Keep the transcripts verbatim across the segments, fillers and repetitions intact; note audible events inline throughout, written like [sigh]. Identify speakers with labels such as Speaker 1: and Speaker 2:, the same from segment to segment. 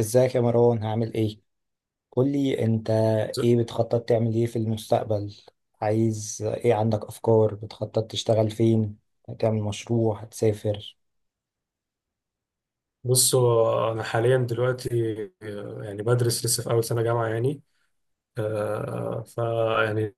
Speaker 1: ازيك يا مروان، هعمل ايه؟ قولي انت. ايه بتخطط تعمل ايه في المستقبل؟ عايز ايه؟ عندك افكار؟ بتخطط تشتغل فين؟ هتعمل مشروع؟ هتسافر؟
Speaker 2: بصوا أنا حاليا دلوقتي، آه، يعني بدرس لسه في أول سنة جامعة يعني. آه، ف يعني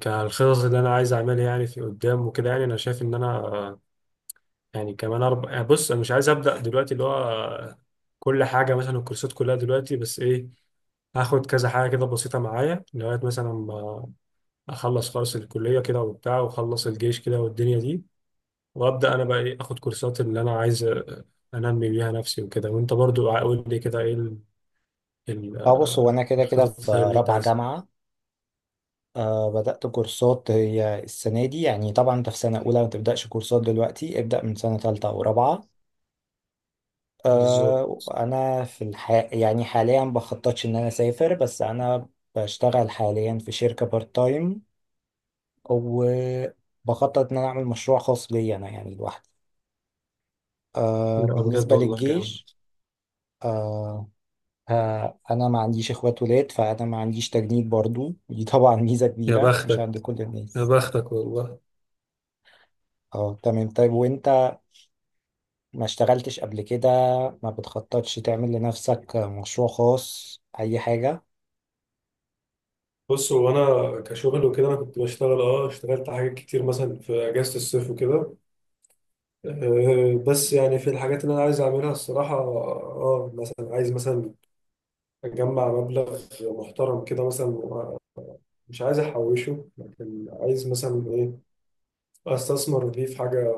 Speaker 2: كالخطط اللي أنا عايز أعملها يعني في قدام وكده، يعني أنا شايف إن أنا آه، يعني كمان أربع. يعني بص، أنا مش عايز أبدأ دلوقتي اللي هو آه، كل حاجة مثلا الكورسات كلها دلوقتي، بس إيه، هاخد كذا حاجة كده بسيطة معايا لغاية مثلا ما أخلص خالص الكلية كده وبتاع، وأخلص الجيش كده والدنيا دي، وابدا انا بقى ايه اخد كورسات اللي انا عايز أ- انمي بيها نفسي وكده. وانت برضو قول لي كده ايه ال- ال-
Speaker 1: اه، بص هو
Speaker 2: آه،
Speaker 1: انا كده كده في
Speaker 2: الخطط اللي انت
Speaker 1: رابعة
Speaker 2: عايز.
Speaker 1: جامعة. آه، بدأت كورسات هي السنة دي. يعني طبعا انت في سنة اولى ما تبدأش كورسات دلوقتي، ابدأ من سنة تالتة او رابعة.
Speaker 2: بالظبط.
Speaker 1: آه، انا في الح... يعني حاليا بخططش ان انا اسافر، بس انا بشتغل حاليا في شركة بارت تايم، وبخطط ان انا اعمل مشروع خاص بيا انا، يعني لوحدي. آه،
Speaker 2: لا بجد
Speaker 1: بالنسبة
Speaker 2: والله جامد.
Speaker 1: للجيش. آه. آه، انا ما عنديش اخوات ولاد، فانا ما عنديش تجنيد برضو [laughs] دي طبعا ميزة
Speaker 2: يا
Speaker 1: كبيرة، مش عند
Speaker 2: بختك،
Speaker 1: كل
Speaker 2: يا
Speaker 1: الناس.
Speaker 2: بختك والله.
Speaker 1: اه تمام. طيب وانت، ما اشتغلتش قبل كده؟ ما بتخططش تعمل لنفسك مشروع خاص، اي حاجة؟
Speaker 2: بص هو انا كشغل وكده انا كنت بشتغل، اه اشتغلت حاجات كتير مثلا في اجازه الصيف وكده. آه، بس يعني في الحاجات اللي انا عايز اعملها الصراحه، اه مثلا عايز مثلا اجمع مبلغ محترم كده مثلا، مش عايز احوشه لكن عايز مثلا ايه، استثمر دي في حاجه.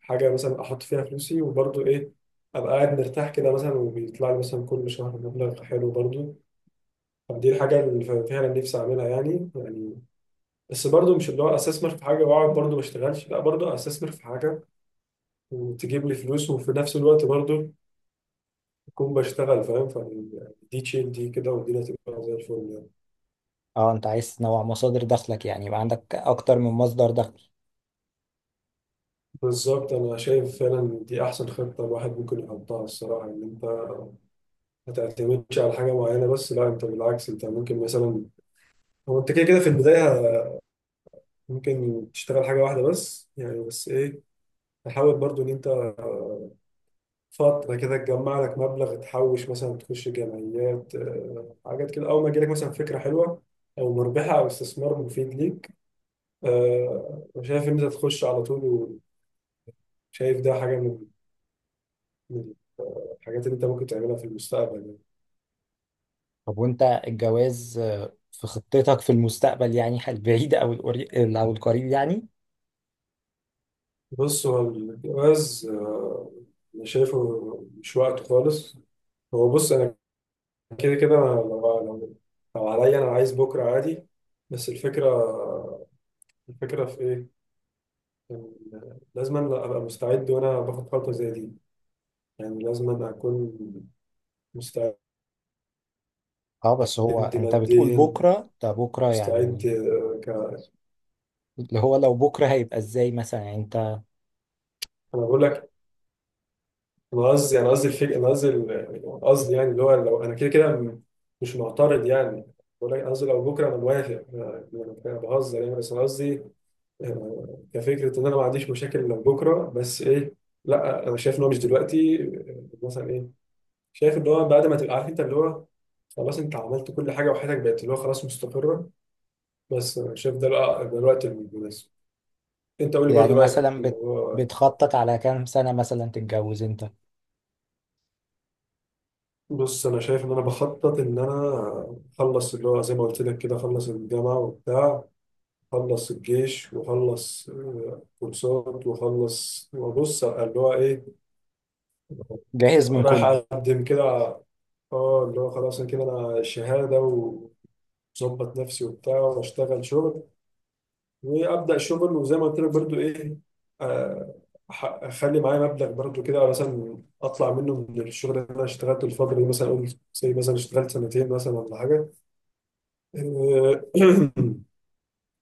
Speaker 2: حاجه مثلا احط فيها فلوسي وبرضه ايه، ابقى قاعد مرتاح كده مثلا، وبيطلع لي مثلا كل شهر مبلغ حلو برضه. فدي الحاجه اللي ف- فعلا نفسي اعملها يعني يعني. بس برضه مش اللي هو استثمر في حاجه واقعد برضه ما اشتغلش، لا برضه استثمر في حاجه وتجيب لي فلوس، وفي نفس الوقت برضه اكون بشتغل، فاهم؟ فدي تشيل دي كده، ودي هتبقى زي الفل يعني.
Speaker 1: اه، انت عايز تنوع مصادر دخلك، يعني يبقى عندك اكتر من مصدر دخل.
Speaker 2: بالظبط. انا شايف فعلا دي احسن خطه الواحد ممكن يحطها الصراحه، ان انت ما تعتمدش على حاجة معينة بس، لا انت بالعكس، انت ممكن مثلا، هو انت كده كده في البداية ممكن تشتغل حاجة واحدة بس يعني، بس ايه تحاول برضو ان انت فترة كده تجمع لك مبلغ، تحوش مثلا، تخش جمعيات، آه، حاجات كده. أول ما يجيلك مثلا فكرة حلوة أو مربحة أو استثمار مفيد ليك، آه، أنا شايف إن أنت تخش على طول. وشايف ده حاجة من من الحاجات اللي أنت ممكن تعملها في المستقبل يعني.
Speaker 1: طب وانت، الجواز آه، في خطتك في المستقبل، يعني البعيد او القري- او القريب يعني؟
Speaker 2: بص هو الجواز، آه، أنا شايفه مش وقته خالص. هو بص أنا كده كده أنا لو لو لو عليا انا عايز بكره عادي. بس الفكره، الفكره في ايه، إن لازم أنا ابقى مستعد وانا باخد خطوه زي دي. يعني لازم أنا اكون مستعد
Speaker 1: اه، بس هو انت بتقول
Speaker 2: ماديا.
Speaker 1: بكرة، ده بكرة
Speaker 2: مستعد
Speaker 1: يعني؟
Speaker 2: آه، ك... انا
Speaker 1: اللي هو لو بكرة هيبقى ازاي مثلا يعني؟ انت
Speaker 2: بقول لك. انا قصدي، انا قصدي الفكره، انا قصدي ال- قصدي يعني اللي هو لو انا كده كده م- مش معترض يعني. بقول لك قصدي لو بكره انا موافق، انا يعني أنا بهزر يعني، بس انا قصدي آه، كفكره ان انا ما عنديش مشاكل لو بكره. بس ايه، لا انا شايف ان هو مش دلوقتي. آه، مثلا ايه، شايف ان هو بعد ما تبقى عارف انت اللي هو خلاص انت عملت كل حاجه وحياتك بقت اللي هو خلاص مستقره، بس آه، شايف ده لا- ده الوقت المناسب. انت قول لي برضه
Speaker 1: يعني
Speaker 2: رايك في
Speaker 1: مثلا بت
Speaker 2: الموضوع.
Speaker 1: بتخطط على كام سنة مثلا تتجوز؟ انت
Speaker 2: بص انا شايف ان انا بخطط ان انا اخلص اللي هو زي ما قلت لك كده، اخلص الجامعه وبتاع، اخلص الجيش، واخلص آه، كورسات، واخلص وابص اللي هو ايه،
Speaker 1: جاهز من
Speaker 2: رايح
Speaker 1: كله؟
Speaker 2: اقدم كده. اه اللي هو خلاص انا كده، انا شهاده وظبط نفسي وبتاع واشتغل شغل، وابدا شغل. وزي ما قلت لك برضو ايه، آه، أح- اخلي معايا مبلغ برضو كده مثلا، اطلع منه من الشغل اللي انا اشتغلته الفتره دي، مثلا اقول زي مثلا اشتغلت سنتين مثلا ولا حاجه. آه،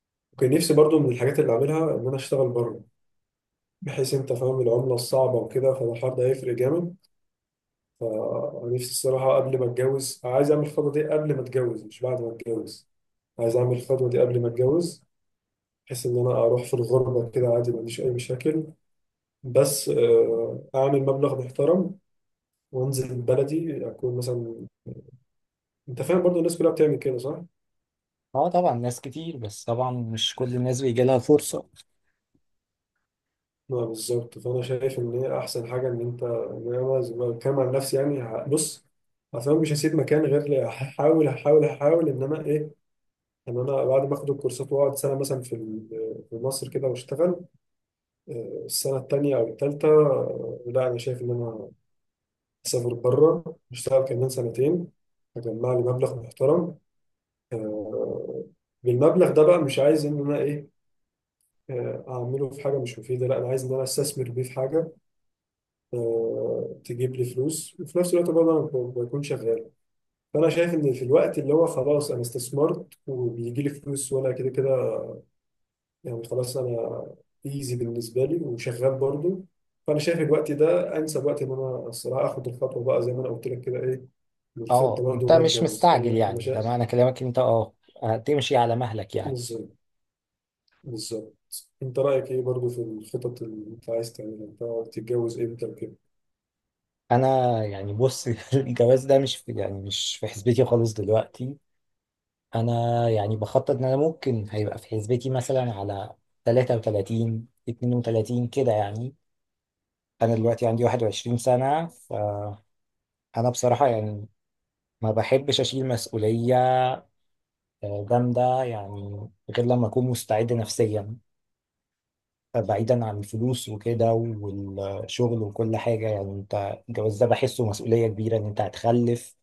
Speaker 2: [clears throat] كان نفسي برضو من الحاجات اللي اعملها ان انا اشتغل بره، بحيث انت فاهم العمله الصعبه وكده، فالحوار ده هيفرق جامد. فنفسي الصراحه قبل ما اتجوز عايز اعمل الخطوه دي قبل ما اتجوز مش بعد ما اتجوز. عايز اعمل الخطوه دي قبل ما اتجوز، بحيث ان انا اروح في الغربه كده عادي ما عنديش اي مشاكل. بس آه، اعمل مبلغ محترم وانزل بلدي، اكون مثلا، انت فاهم، برضو الناس كلها بتعمل كده صح؟
Speaker 1: اه طبعا، ناس كتير، بس طبعا مش كل الناس بيجي لها الفرصة.
Speaker 2: اه بالظبط. فانا شايف ان هي احسن حاجه ان انت، إن انا زي ما بتكلم عن نفسي يعني ه- بص، اصلا مش هسيب مكان غير لي- هحاول هحاول هحاول ان انا ايه، ان انا بعد ما اخد الكورسات واقعد سنه مثلا في ال- في مصر كده واشتغل. آه، السنه التانيه او التالته، آه، لا انا شايف ان انا أسافر بره أشتغل كمان سنتين، أجمع لي مبلغ محترم. آه، بالمبلغ ده بقى مش عايز إن أنا إيه، آه، أعمله في حاجة مش مفيدة، لا أنا عايز إن أنا أستثمر بيه في حاجة، آه، تجيب لي فلوس وفي نفس الوقت برضه أنا ب- بكون شغال. فأنا شايف إن في الوقت اللي هو خلاص أنا استثمرت وبيجي لي فلوس، وأنا كده كده يعني خلاص. انا ايزي بالنسبه لي وشغال برضو. فانا شايف الوقت ده انسب وقت ان انا الصراحه اخد الخطوه بقى، زي ما انا قلت لك كده ايه، والخطه
Speaker 1: اه،
Speaker 2: برضو
Speaker 1: انت
Speaker 2: وانا
Speaker 1: مش
Speaker 2: اتجوز،
Speaker 1: مستعجل
Speaker 2: فانا، انا
Speaker 1: يعني؟ ده
Speaker 2: شايف.
Speaker 1: معنى كلامك إن انت اه هتمشي على مهلك يعني؟
Speaker 2: بالظبط. بالظبط. انت رايك ايه برضو في الخطط اللي انت عايز تعملها انت؟ تتجوز امتى وكده؟
Speaker 1: انا يعني بص [laughs] الجواز ده مش في، يعني مش في حسبتي خالص دلوقتي. انا يعني بخطط ان انا ممكن هيبقى في حسبتي مثلا على ثلاثة وثلاثون اثنان وثلاثون كده يعني. انا دلوقتي عندي واحد وعشرين سنة، فانا بصراحة يعني ما بحبش اشيل مسؤولية آه، جامدة، يعني غير لما اكون مستعد نفسيا، بعيدا عن الفلوس وكده والشغل وكل حاجة. يعني انت الجواز ده بحسه مسؤولية كبيرة، ان انت هتخلف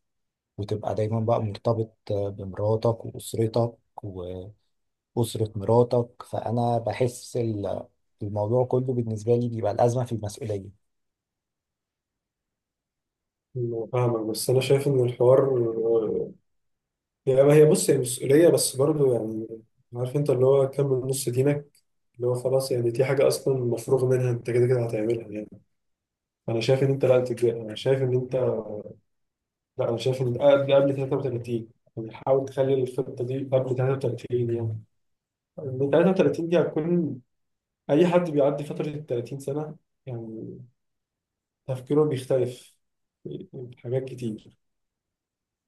Speaker 1: وتبقى دايما بقى مرتبط آه، بمراتك واسرتك، أسرة مراتك. فأنا بحس ال- الموضوع كله بالنسبة لي بيبقى الأزمة في المسؤولية.
Speaker 2: أنا فاهمك بس انا شايف ان الحوار آه، يعني، ما هي بص هي مسؤوليه بس برضو يعني، عارف انت اللي هو كمل نص دينك، اللي هو خلاص يعني دي حاجه اصلا مفروغ منها انت كده كده هتعملها يعني. انا شايف ان انت لا تتجا- انا شايف ان انت لا انا شايف ان قبل قبل ثلاثة وثلاثين، يعني حاول تخلي الخطه دي قبل ثلاثة وثلاثين يعني. من ثلاثة وثلاثين دي هتكون، اي حد بيعدي فتره ال تلاتين سنه يعني تفكيره بيختلف في حاجات كتير.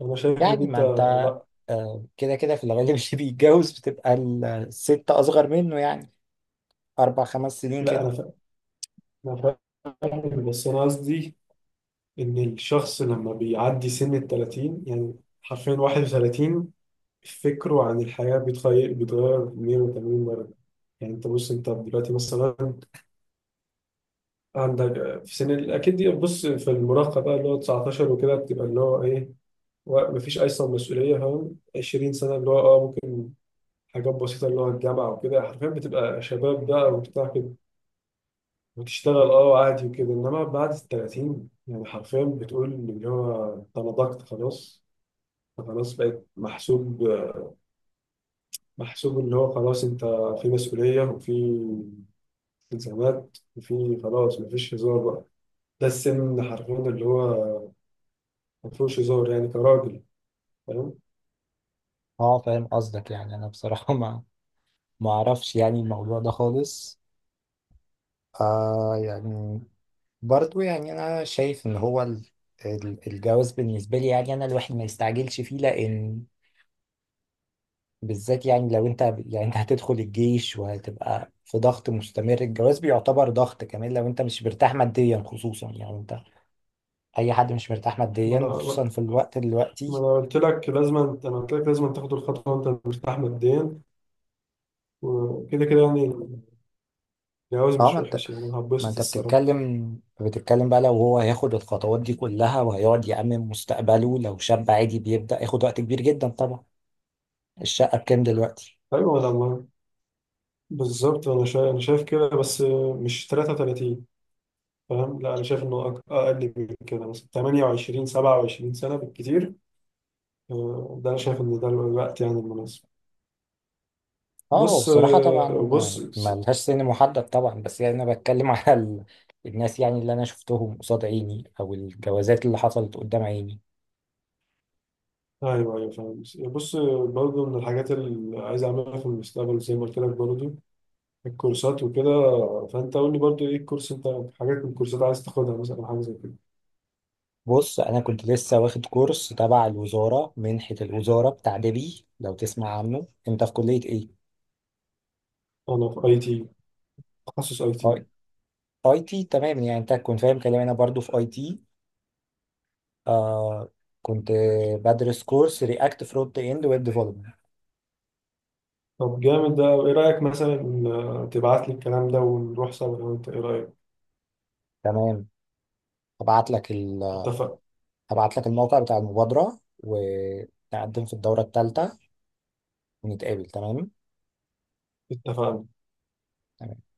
Speaker 2: انا شايف ان
Speaker 1: يعني
Speaker 2: انت،
Speaker 1: ما أنت
Speaker 2: لا
Speaker 1: آه، كده كده في الغالب [laughs] اللي بيتجوز بتبقى الست أصغر منه يعني، أربع خمس سنين
Speaker 2: لا انا
Speaker 1: كده.
Speaker 2: فا- انا فاهم، بس انا قصدي ان الشخص لما بيعدي سن ال ثلاثين يعني، حرفيا واحد وثلاثين، فكره عن الحياة بيتغير، بيتغير مية وتمانين مرة يعني. انت بص، انت دلوقتي مثلا عندك في سن ال- اكيد دي، بص في المراهقة بقى اللي هو تسعة عشر وكده بتبقى اللي هو ايه، و- مفيش اصلا مسؤولية فاهم، عشرين سنة اللي هو اه ممكن حاجات بسيطة اللي هو الجامعة وكده، حرفيا بتبقى شباب بقى وبتاع كده وتشتغل اه عادي وكده. انما بعد ال ثلاثين يعني حرفيا بتقول اللي هو انت نضجت خلاص. خلاص بقيت محسوب، محسوب اللي هو خلاص انت في مسؤولية وفي التزامات وفي خلاص مفيش هزار بقى. ده السن حرفيا اللي هو مفيهوش هزار يعني كراجل. فاهم؟
Speaker 1: أه فاهم قصدك، يعني أنا بصراحة ما ما أعرفش يعني الموضوع ده خالص. آه يعني، برضو يعني أنا شايف إن هو ال- ال- الجواز بالنسبة لي، يعني أنا الواحد ما يستعجلش فيه، لأن بالذات يعني لو انت، يعني انت هتدخل الجيش وهتبقى في ضغط مستمر، الجواز بيعتبر ضغط كمان لو انت مش مرتاح ماديا خصوصا. يعني انت، اي حد مش مرتاح
Speaker 2: ما
Speaker 1: ماديا،
Speaker 2: انا
Speaker 1: وخصوصا في الوقت
Speaker 2: ما
Speaker 1: دلوقتي.
Speaker 2: انا قلت لك لازم انت، انا قلت لك لازم تاخد الخطوه وانت مرتاح ماديا. وكده كده يعني الجواز
Speaker 1: اه، ما
Speaker 2: مش
Speaker 1: انت
Speaker 2: وحش يعني، انا
Speaker 1: ما
Speaker 2: هتبسط
Speaker 1: انت
Speaker 2: الصراحه.
Speaker 1: بتتكلم بتتكلم بقى، لو هو هياخد الخطوات دي كلها وهيقعد يأمن مستقبله، لو شاب عادي بيبدأ، ياخد وقت كبير جدا طبعا. الشقة بكام دلوقتي؟
Speaker 2: ايوه لما، بالظبط. انا شايف انا شايف كده بس مش تلاتة وتلاتين فاهم؟ لا انا شايف انه أك- اقل من كده، مثلا ثمانية وعشرين سبعة وعشرين سنه بالكتير. آه، ده انا شايف ان ده الوقت يعني المناسب.
Speaker 1: اه، هو
Speaker 2: بص،
Speaker 1: بصراحة
Speaker 2: آه،
Speaker 1: طبعا
Speaker 2: بص.
Speaker 1: ملهاش سن محدد طبعا، بس يعني أنا بتكلم [laughs] على ال... الناس يعني اللي أنا شفتهم قصاد عيني، أو الجوازات اللي حصلت قدام عيني.
Speaker 2: ايوه ايوه فاهم. بص برضه من الحاجات اللي عايز اعملها في المستقبل زي ما قلت لك برضه، الكورسات وكده. فانت قول لي برضه ايه الكورس انت، حاجات من الكورسات عايز تاخدها مثلا أو حاجه زي كده.
Speaker 1: بص، أنا كنت لسه واخد كورس تبع الوزارة، منحة الوزارة بتاع دبي، لو تسمع عنه. أنت في كلية إيه؟
Speaker 2: انا في اي تي. تخصص اي تي.
Speaker 1: أي أي تي تمام. يعني أنت كنت فاهم كلامي، أنا برضو في أي تي. آه، كنت بدرس كورس رياكت فرونت إند ويب ديفلوبمنت.
Speaker 2: طب جامد. ده ايه رايك مثلا إن تبعت لي الكلام ده ونروح سوا، لو انت ايه رايك؟
Speaker 1: تمام. هبعت لك ال...
Speaker 2: اتفق.
Speaker 1: هبعت لك الموقع بتاع المبادرة، و تقدم في الدورة الثالثة، نتقابل. تمام.
Speaker 2: اتفقنا.
Speaker 1: تمام.